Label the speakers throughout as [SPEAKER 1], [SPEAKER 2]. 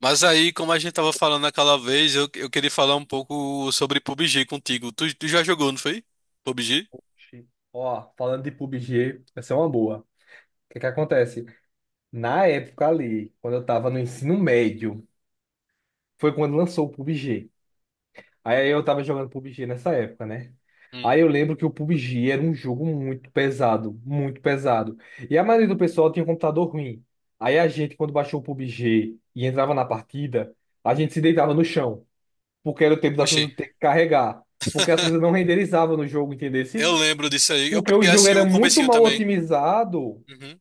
[SPEAKER 1] Mas aí, como a gente tava falando naquela vez, eu queria falar um pouco sobre PUBG contigo. Tu já jogou, não foi? PUBG?
[SPEAKER 2] Oxi. Ó, falando de PUBG, essa é uma boa. O que que acontece? Na época ali, quando eu tava no ensino médio, foi quando lançou o PUBG. Aí eu tava jogando PUBG nessa época, né?
[SPEAKER 1] Hum.
[SPEAKER 2] Aí eu lembro que o PUBG era um jogo muito pesado, muito pesado. E a maioria do pessoal tinha um computador ruim. Aí a gente, quando baixou o PUBG e entrava na partida, a gente se deitava no chão, porque era o tempo das
[SPEAKER 1] Oxi.
[SPEAKER 2] coisas ter que carregar, porque as coisas não renderizavam no jogo, entendesse?
[SPEAKER 1] Eu lembro disso aí. Eu
[SPEAKER 2] Porque o
[SPEAKER 1] peguei
[SPEAKER 2] jogo
[SPEAKER 1] assim
[SPEAKER 2] era
[SPEAKER 1] o
[SPEAKER 2] muito
[SPEAKER 1] comecinho
[SPEAKER 2] mal
[SPEAKER 1] também.
[SPEAKER 2] otimizado.
[SPEAKER 1] Uhum.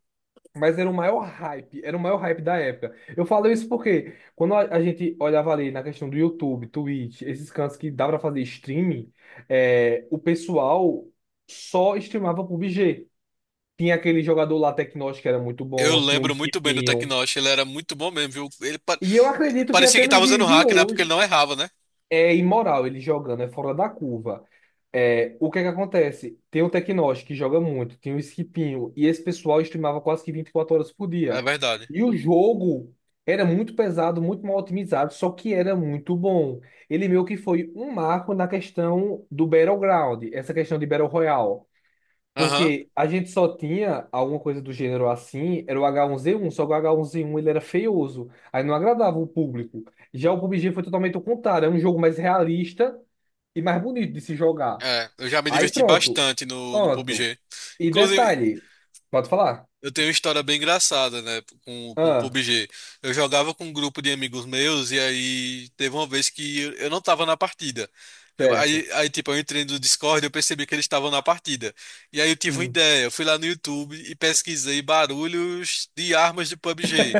[SPEAKER 2] Mas era o maior hype, era o maior hype da época. Eu falo isso porque quando a gente olhava ali na questão do YouTube, Twitch, esses cantos que dá pra fazer streaming, o pessoal só streamava PUBG. Tinha aquele jogador lá, Tecnos, que era muito
[SPEAKER 1] Eu
[SPEAKER 2] bom, tinha um
[SPEAKER 1] lembro muito bem do
[SPEAKER 2] Skipinho.
[SPEAKER 1] Teknosh, ele era muito bom mesmo, viu?
[SPEAKER 2] E eu acredito que
[SPEAKER 1] Parecia
[SPEAKER 2] até
[SPEAKER 1] que
[SPEAKER 2] nos
[SPEAKER 1] tava usando
[SPEAKER 2] dias de
[SPEAKER 1] hack, né? Porque ele
[SPEAKER 2] hoje
[SPEAKER 1] não errava, né?
[SPEAKER 2] é imoral ele jogando, é fora da curva. É, o que é que acontece? Tem o Tecnos, que joga muito, tem o Esquipinho, e esse pessoal streamava quase que 24 horas por
[SPEAKER 1] É
[SPEAKER 2] dia.
[SPEAKER 1] verdade.
[SPEAKER 2] E o jogo era muito pesado, muito mal otimizado, só que era muito bom. Ele meio que foi um marco na questão do Battleground, essa questão de Battle Royale.
[SPEAKER 1] Aham.
[SPEAKER 2] Porque a gente só tinha alguma coisa do gênero assim, era o H1Z1, só que o H1Z1 ele era feioso, aí não agradava o público. Já o PUBG foi totalmente o contrário, é um jogo mais realista e mais bonito de se jogar.
[SPEAKER 1] É, eu já me
[SPEAKER 2] Aí
[SPEAKER 1] diverti
[SPEAKER 2] pronto.
[SPEAKER 1] bastante no
[SPEAKER 2] Pronto.
[SPEAKER 1] PUBG.
[SPEAKER 2] E
[SPEAKER 1] Inclusive,
[SPEAKER 2] detalhe, pode falar?
[SPEAKER 1] eu tenho uma história bem engraçada, né, com o
[SPEAKER 2] Ah,
[SPEAKER 1] PUBG. Eu jogava com um grupo de amigos meus e aí teve uma vez que eu não tava na partida. Eu-
[SPEAKER 2] certo.
[SPEAKER 1] aí, aí, tipo, eu entrei no Discord e eu percebi que eles estavam na partida. E aí eu tive uma
[SPEAKER 2] Hum.
[SPEAKER 1] ideia, eu fui lá no YouTube e pesquisei barulhos de armas de PUBG.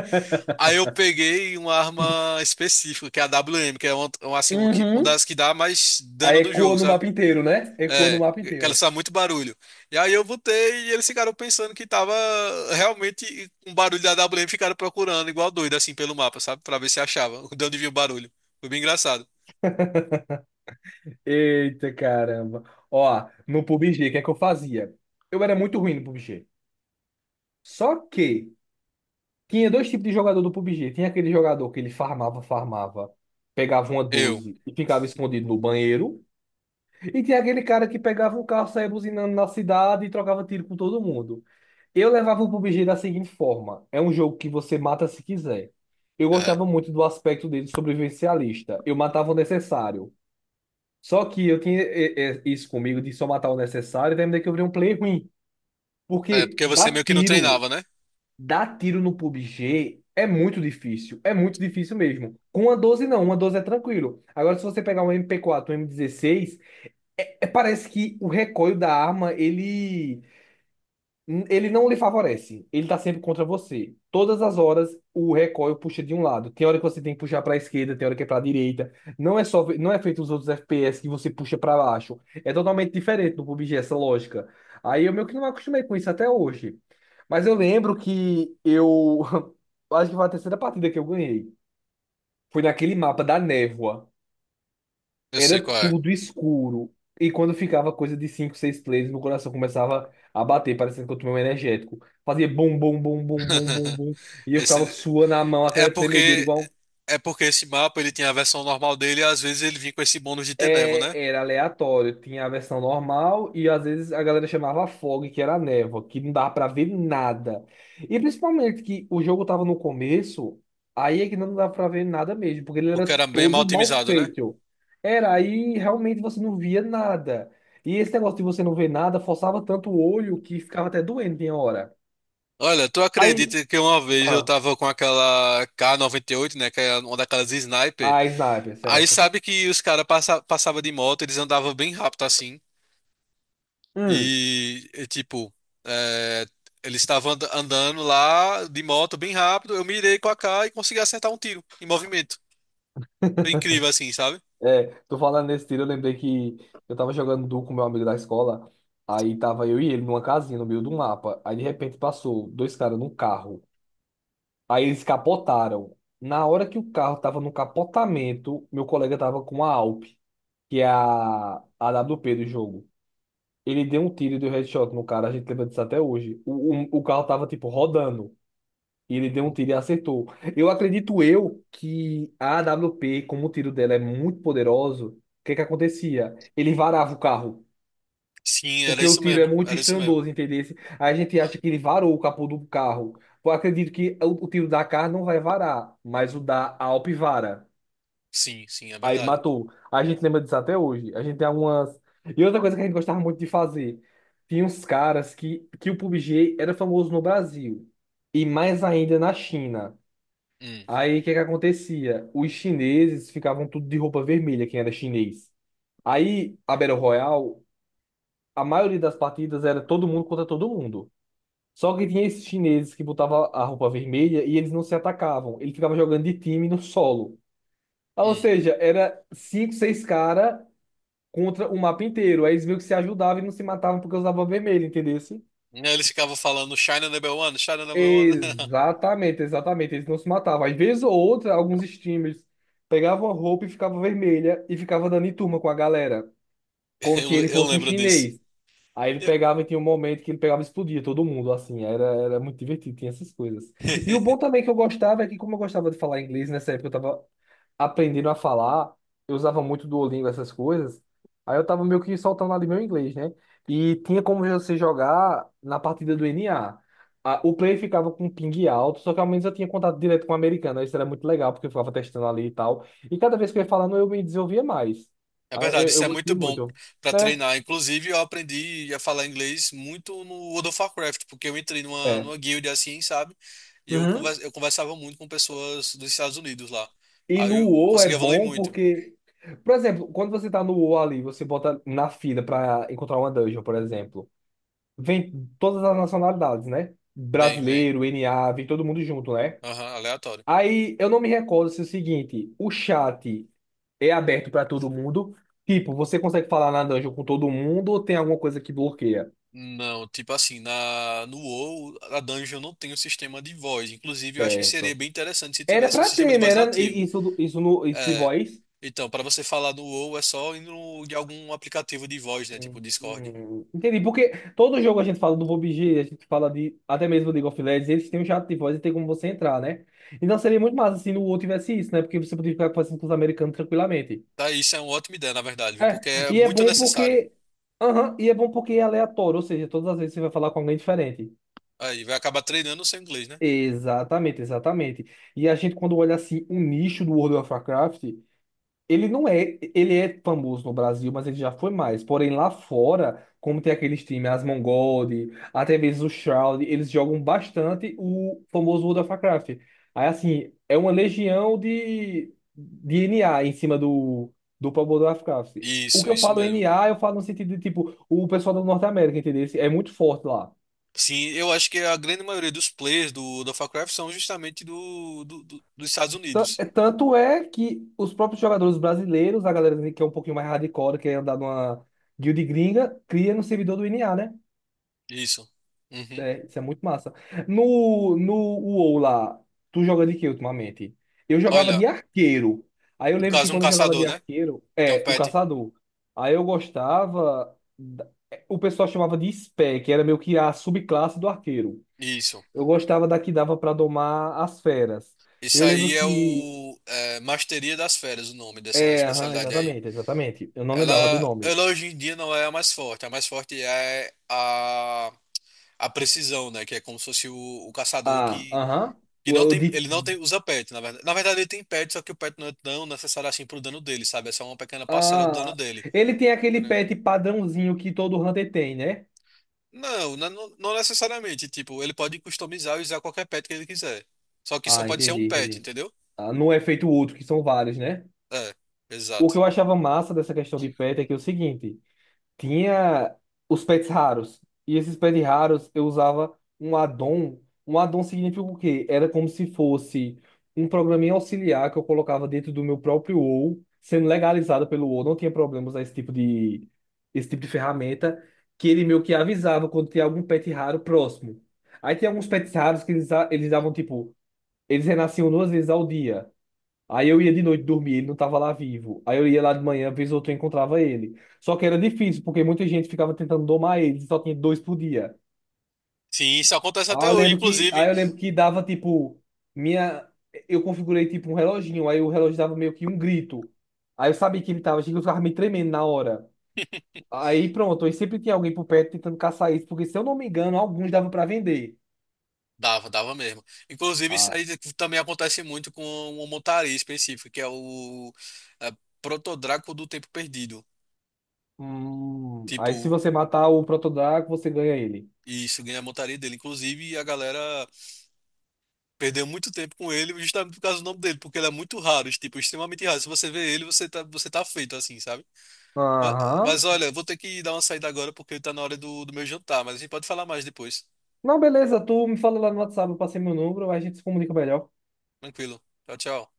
[SPEAKER 1] Aí eu peguei uma arma específica, que é a WM, que é uma
[SPEAKER 2] Uhum.
[SPEAKER 1] das que dá mais
[SPEAKER 2] Aí
[SPEAKER 1] dano do
[SPEAKER 2] ecoa
[SPEAKER 1] jogo,
[SPEAKER 2] no
[SPEAKER 1] sabe?
[SPEAKER 2] mapa inteiro, né? Ecoa no
[SPEAKER 1] É,
[SPEAKER 2] mapa
[SPEAKER 1] que ela
[SPEAKER 2] inteiro.
[SPEAKER 1] sabe muito barulho. E aí eu botei e eles ficaram pensando que tava realmente um barulho da A W. AWM, ficaram procurando igual doido assim pelo mapa, sabe? Pra ver se achava, de onde vinha o barulho. Foi bem engraçado.
[SPEAKER 2] Eita caramba. Ó, no PUBG, o que é que eu fazia? Eu era muito ruim no PUBG. Só que tinha dois tipos de jogador do PUBG. Tinha aquele jogador que ele farmava, farmava, pegava uma
[SPEAKER 1] Eu.
[SPEAKER 2] 12 e ficava escondido no banheiro. E tinha aquele cara que pegava o carro, saía buzinando na cidade e trocava tiro com todo mundo. Eu levava o PUBG da seguinte forma: é um jogo que você mata se quiser. Eu
[SPEAKER 1] É.
[SPEAKER 2] gostava muito do aspecto dele sobrevivencialista. Eu matava o necessário. Só que eu tinha isso comigo de só matar o necessário, e terminei que eu virei um player ruim.
[SPEAKER 1] É,
[SPEAKER 2] Porque
[SPEAKER 1] porque você meio que não treinava, né?
[SPEAKER 2] dar tiro no PUBG é muito difícil. É muito difícil mesmo. Com uma 12 não, uma 12 é tranquilo. Agora, se você pegar um MP4, um M16, parece que o recoil da arma, ele não lhe favorece. Ele tá sempre contra você. Todas as horas o recoil puxa de um lado. Tem hora que você tem que puxar para a esquerda, tem hora que é para a direita. Não é só, não é feito os outros FPS que você puxa para baixo. É totalmente diferente do PUBG essa lógica. Aí eu meio que não me acostumei com isso até hoje. Mas eu lembro que eu acho que foi a terceira partida que eu ganhei. Foi naquele mapa da névoa,
[SPEAKER 1] Eu
[SPEAKER 2] era
[SPEAKER 1] sei qual é.
[SPEAKER 2] tudo escuro. E quando ficava coisa de 5 6 players, meu coração começava a bater, parecendo que eu tomei um energético. Fazia bum, bum, bum, bum, bum, bum, bum. E eu ficava
[SPEAKER 1] Esse,
[SPEAKER 2] suando a mão,
[SPEAKER 1] é
[SPEAKER 2] aquela tremedeira,
[SPEAKER 1] porque
[SPEAKER 2] igual.
[SPEAKER 1] é porque esse mapa ele tinha a versão normal dele e às vezes ele vinha com esse bônus de ter névoa,
[SPEAKER 2] É,
[SPEAKER 1] né?
[SPEAKER 2] era aleatório, tinha a versão normal e às vezes a galera chamava fog, que era a névoa, que não dava pra ver nada. E principalmente que o jogo tava no começo, aí é que não dava pra ver nada mesmo, porque ele era
[SPEAKER 1] Porque era bem mal
[SPEAKER 2] todo mal
[SPEAKER 1] otimizado, né?
[SPEAKER 2] feito. Era, aí realmente você não via nada. E esse negócio de você não ver nada forçava tanto o olho que ficava até doendo em hora.
[SPEAKER 1] Olha, tu
[SPEAKER 2] Aí,
[SPEAKER 1] acredita que uma vez eu
[SPEAKER 2] ah,
[SPEAKER 1] tava com aquela K98, né? Que é uma daquelas sniper.
[SPEAKER 2] a sniper,
[SPEAKER 1] Aí
[SPEAKER 2] certo?
[SPEAKER 1] sabe que os caras passavam de moto, eles andavam bem rápido assim.
[SPEAKER 2] Hum.
[SPEAKER 1] E, tipo, é, eles estavam andando lá de moto bem rápido. Eu mirei com a AK e consegui acertar um tiro em movimento. Foi incrível assim, sabe?
[SPEAKER 2] É, tô falando nesse tiro, eu lembrei que eu tava jogando duo com meu amigo da escola. Aí tava eu e ele numa casinha no meio do mapa. Aí de repente passou dois caras num carro. Aí eles capotaram. Na hora que o carro tava no capotamento, meu colega tava com a Alp, que é a AWP do jogo. Ele deu um tiro e deu headshot no cara, a gente lembra disso até hoje. O carro tava tipo rodando. E ele deu um tiro e acertou. Eu acredito eu que a AWP como o tiro dela é muito poderoso, o que que acontecia? Ele varava o carro,
[SPEAKER 1] Sim, era
[SPEAKER 2] porque o
[SPEAKER 1] isso
[SPEAKER 2] tiro é
[SPEAKER 1] mesmo.
[SPEAKER 2] muito
[SPEAKER 1] Era isso mesmo.
[SPEAKER 2] estrondoso, entendeu? Aí a gente
[SPEAKER 1] Aham.
[SPEAKER 2] acha que ele varou o capô do carro. Eu acredito que o tiro da AK não vai varar, mas o da Alp vara.
[SPEAKER 1] Sim, sim, é
[SPEAKER 2] Aí
[SPEAKER 1] verdade.
[SPEAKER 2] matou. A gente lembra disso até hoje. A gente tem algumas... E outra coisa que a gente gostava muito de fazer. Tinha uns caras que o PUBG era famoso no Brasil. E mais ainda na China.
[SPEAKER 1] Hum.
[SPEAKER 2] Aí o que que acontecia? Os chineses ficavam tudo de roupa vermelha, quem era chinês. Aí a Battle Royale, a maioria das partidas era todo mundo contra todo mundo. Só que tinha esses chineses que botavam a roupa vermelha e eles não se atacavam. Eles ficavam jogando de time no solo. Ah, ou
[SPEAKER 1] Hum.
[SPEAKER 2] seja, era cinco, seis caras contra o mapa inteiro. Aí eles meio que se ajudavam e não se matavam porque usavam vermelho, entendeu?
[SPEAKER 1] E aí eles ficavam falando China number one, China number one.
[SPEAKER 2] Exatamente, exatamente. Eles não se matavam. Às vezes ou outra, alguns streamers pegavam a roupa e ficava vermelha e ficava dando em turma com a galera, como se
[SPEAKER 1] Eu,
[SPEAKER 2] ele
[SPEAKER 1] eu
[SPEAKER 2] fosse um
[SPEAKER 1] lembro disso.
[SPEAKER 2] chinês. Aí ele
[SPEAKER 1] Eu-
[SPEAKER 2] pegava e tinha um momento que ele pegava e explodia todo mundo, assim. Era muito divertido, tinha essas coisas. E o bom também que eu gostava é que, como eu gostava de falar inglês nessa época, eu tava aprendendo a falar, eu usava muito Duolingo, essas coisas. Aí eu tava meio que soltando ali meu inglês, né? E tinha como você jogar na partida do NA. O player ficava com um ping alto, só que ao menos eu tinha contato direto com o americano. Isso era muito legal, porque eu ficava testando ali e tal. E cada vez que eu ia falando, eu me desenvolvia mais.
[SPEAKER 1] É
[SPEAKER 2] Aí
[SPEAKER 1] verdade,
[SPEAKER 2] eu,
[SPEAKER 1] isso
[SPEAKER 2] eu
[SPEAKER 1] é muito
[SPEAKER 2] gostei
[SPEAKER 1] bom
[SPEAKER 2] muito,
[SPEAKER 1] pra
[SPEAKER 2] né?
[SPEAKER 1] treinar. Inclusive, eu aprendi a falar inglês muito no World of Warcraft, porque eu entrei numa,
[SPEAKER 2] É.
[SPEAKER 1] numa guild assim, sabe? E eu,
[SPEAKER 2] Uhum.
[SPEAKER 1] conver- eu conversava muito com pessoas dos Estados Unidos lá.
[SPEAKER 2] E
[SPEAKER 1] Aí
[SPEAKER 2] no
[SPEAKER 1] eu
[SPEAKER 2] WoW é
[SPEAKER 1] consegui evoluir
[SPEAKER 2] bom
[SPEAKER 1] muito.
[SPEAKER 2] porque, por exemplo, quando você tá no WoW ali, você bota na fila pra encontrar uma dungeon, por exemplo. Vem todas as nacionalidades, né?
[SPEAKER 1] Vem, vem.
[SPEAKER 2] Brasileiro, NA, vem todo mundo junto, né?
[SPEAKER 1] Aham, aleatório.
[SPEAKER 2] Aí eu não me recordo se é o seguinte, o chat é aberto para todo mundo. Tipo, você consegue falar na dungeon com todo mundo ou tem alguma coisa que bloqueia?
[SPEAKER 1] Não, tipo assim, no WoW, a dungeon não tem um sistema de voz. Inclusive, eu acho que seria
[SPEAKER 2] Certo.
[SPEAKER 1] bem interessante se
[SPEAKER 2] Era
[SPEAKER 1] tivesse um
[SPEAKER 2] pra
[SPEAKER 1] sistema de
[SPEAKER 2] ter, né?
[SPEAKER 1] voz
[SPEAKER 2] Era
[SPEAKER 1] nativo.
[SPEAKER 2] i- isso, do- isso, no, isso de
[SPEAKER 1] É,
[SPEAKER 2] voz.
[SPEAKER 1] então, para você falar no WoW é só ir no, de algum aplicativo de voz, né? Tipo Discord.
[SPEAKER 2] Entendi, porque todo jogo a gente fala do PUBG, a gente fala de até mesmo League of Legends, eles têm um chat de voz e tem como você entrar, né? Então seria muito massa se no outro tivesse isso, né? Porque você poderia ficar conversando com os americanos tranquilamente.
[SPEAKER 1] Tá, isso é uma ótima ideia, na verdade, viu?
[SPEAKER 2] É,
[SPEAKER 1] Porque é
[SPEAKER 2] e é
[SPEAKER 1] muito
[SPEAKER 2] bom
[SPEAKER 1] necessário.
[SPEAKER 2] porque. Aham, e é bom porque é aleatório, ou seja, todas as vezes você vai falar com alguém diferente.
[SPEAKER 1] Aí, vai acabar treinando o seu inglês, né?
[SPEAKER 2] Exatamente, exatamente. E a gente, quando olha assim, o nicho do World of Warcraft. Ele não é, ele é famoso no Brasil, mas ele já foi mais. Porém, lá fora, como tem aqueles times, as Mongod, até mesmo o Shroud, eles jogam bastante o famoso World of Warcraft. Aí, assim, é uma legião de NA em cima do próprio World of Warcraft. O
[SPEAKER 1] Isso,
[SPEAKER 2] que eu
[SPEAKER 1] isso
[SPEAKER 2] falo
[SPEAKER 1] mesmo.
[SPEAKER 2] NA eu falo no sentido de, tipo, o pessoal da Norte América, entendeu? É muito forte lá.
[SPEAKER 1] Sim, eu acho que a grande maioria dos players do Warcraft são justamente do, dos Estados
[SPEAKER 2] Tan- é-
[SPEAKER 1] Unidos.
[SPEAKER 2] Tanto é que os próprios jogadores brasileiros, a galera que é um pouquinho mais hardcore, que é andar numa guild gringa, cria no servidor do NA, né?
[SPEAKER 1] Isso. Uhum.
[SPEAKER 2] É, isso é muito massa. No WoW lá, tu joga de quê ultimamente? Eu jogava
[SPEAKER 1] Olha,
[SPEAKER 2] de arqueiro. Aí eu
[SPEAKER 1] no
[SPEAKER 2] lembro que
[SPEAKER 1] caso, um
[SPEAKER 2] quando eu jogava
[SPEAKER 1] caçador,
[SPEAKER 2] de
[SPEAKER 1] né?
[SPEAKER 2] arqueiro,
[SPEAKER 1] Tem um
[SPEAKER 2] o
[SPEAKER 1] pet.
[SPEAKER 2] caçador. Aí eu gostava. O pessoal chamava de spec que era meio que a subclasse do arqueiro.
[SPEAKER 1] Isso.
[SPEAKER 2] Eu gostava da que dava pra domar as feras.
[SPEAKER 1] Isso
[SPEAKER 2] Eu lembro
[SPEAKER 1] aí é
[SPEAKER 2] que.
[SPEAKER 1] Masteria das Feras, o nome dessa
[SPEAKER 2] É, aham,
[SPEAKER 1] especialidade aí.
[SPEAKER 2] exatamente, exatamente. Eu não
[SPEAKER 1] Ela,
[SPEAKER 2] lembrava do nome.
[SPEAKER 1] ela hoje em dia não é a mais forte. A mais forte é a precisão, né? Que é como se fosse o caçador
[SPEAKER 2] Ah, aham.
[SPEAKER 1] que
[SPEAKER 2] O,
[SPEAKER 1] não
[SPEAKER 2] o
[SPEAKER 1] tem.
[SPEAKER 2] de.
[SPEAKER 1] Ele não tem, usa pet, na verdade. Na verdade, ele tem pet, só que o pet não é tão necessário assim pro dano dele, sabe? É só uma pequena parcela do dano
[SPEAKER 2] Ah,
[SPEAKER 1] dele.
[SPEAKER 2] ele tem aquele pet padrãozinho que todo Hunter tem, né?
[SPEAKER 1] Não, não, não necessariamente. Tipo, ele pode customizar e usar qualquer pet que ele quiser. Só que só
[SPEAKER 2] Ah,
[SPEAKER 1] pode ser um
[SPEAKER 2] entendi,
[SPEAKER 1] pet,
[SPEAKER 2] entendi.
[SPEAKER 1] entendeu?
[SPEAKER 2] Ah, não é feito outro, que são vários, né?
[SPEAKER 1] É,
[SPEAKER 2] O que
[SPEAKER 1] exato.
[SPEAKER 2] eu achava massa dessa questão de pet é que é o seguinte, tinha os pets raros. E esses pets raros eu usava um addon. Um addon significa o quê? Era como se fosse um programinha auxiliar que eu colocava dentro do meu próprio OU, sendo legalizado pelo OU, não tinha problemas a esse tipo de ferramenta, que ele meio que avisava quando tinha algum pet raro próximo. Aí tinha alguns pets raros que eles davam tipo, eles renasciam 2 vezes ao dia. Aí eu ia de noite dormir, ele não estava lá vivo. Aí eu ia lá de manhã, vez ou outra eu encontrava ele. Só que era difícil, porque muita gente ficava tentando domar ele, e só tinha dois por dia.
[SPEAKER 1] Sim, isso acontece até
[SPEAKER 2] Aí eu
[SPEAKER 1] hoje,
[SPEAKER 2] lembro que, aí
[SPEAKER 1] inclusive.
[SPEAKER 2] eu lembro que dava tipo minha eu configurei tipo um reloginho, aí o relógio dava meio que um grito. Aí eu sabia que ele tava, achei que eu ficava me tremendo na hora. Aí pronto, aí sempre tinha alguém por perto tentando caçar isso, porque se eu não me engano, alguns davam para vender.
[SPEAKER 1] Dava, dava mesmo. Inclusive, isso
[SPEAKER 2] Ah.
[SPEAKER 1] aí também acontece muito com uma montaria específica, que é o é, Protodraco do Tempo Perdido.
[SPEAKER 2] Aí se
[SPEAKER 1] Tipo,
[SPEAKER 2] você matar o Protodraco, você ganha ele.
[SPEAKER 1] isso ganha a montaria dele. Inclusive, a galera perdeu muito tempo com ele justamente por causa do nome dele, porque ele é muito raro, tipo, extremamente raro. Se você vê ele, você tá feito, assim, sabe? Mas,
[SPEAKER 2] Aham.
[SPEAKER 1] mas olha, vou ter que dar uma saída agora porque tá na hora do meu jantar, mas a gente pode falar mais depois.
[SPEAKER 2] Não, beleza, tu me fala lá no WhatsApp, eu passei meu número, aí a gente se comunica melhor.
[SPEAKER 1] Tranquilo. Tchau, tchau.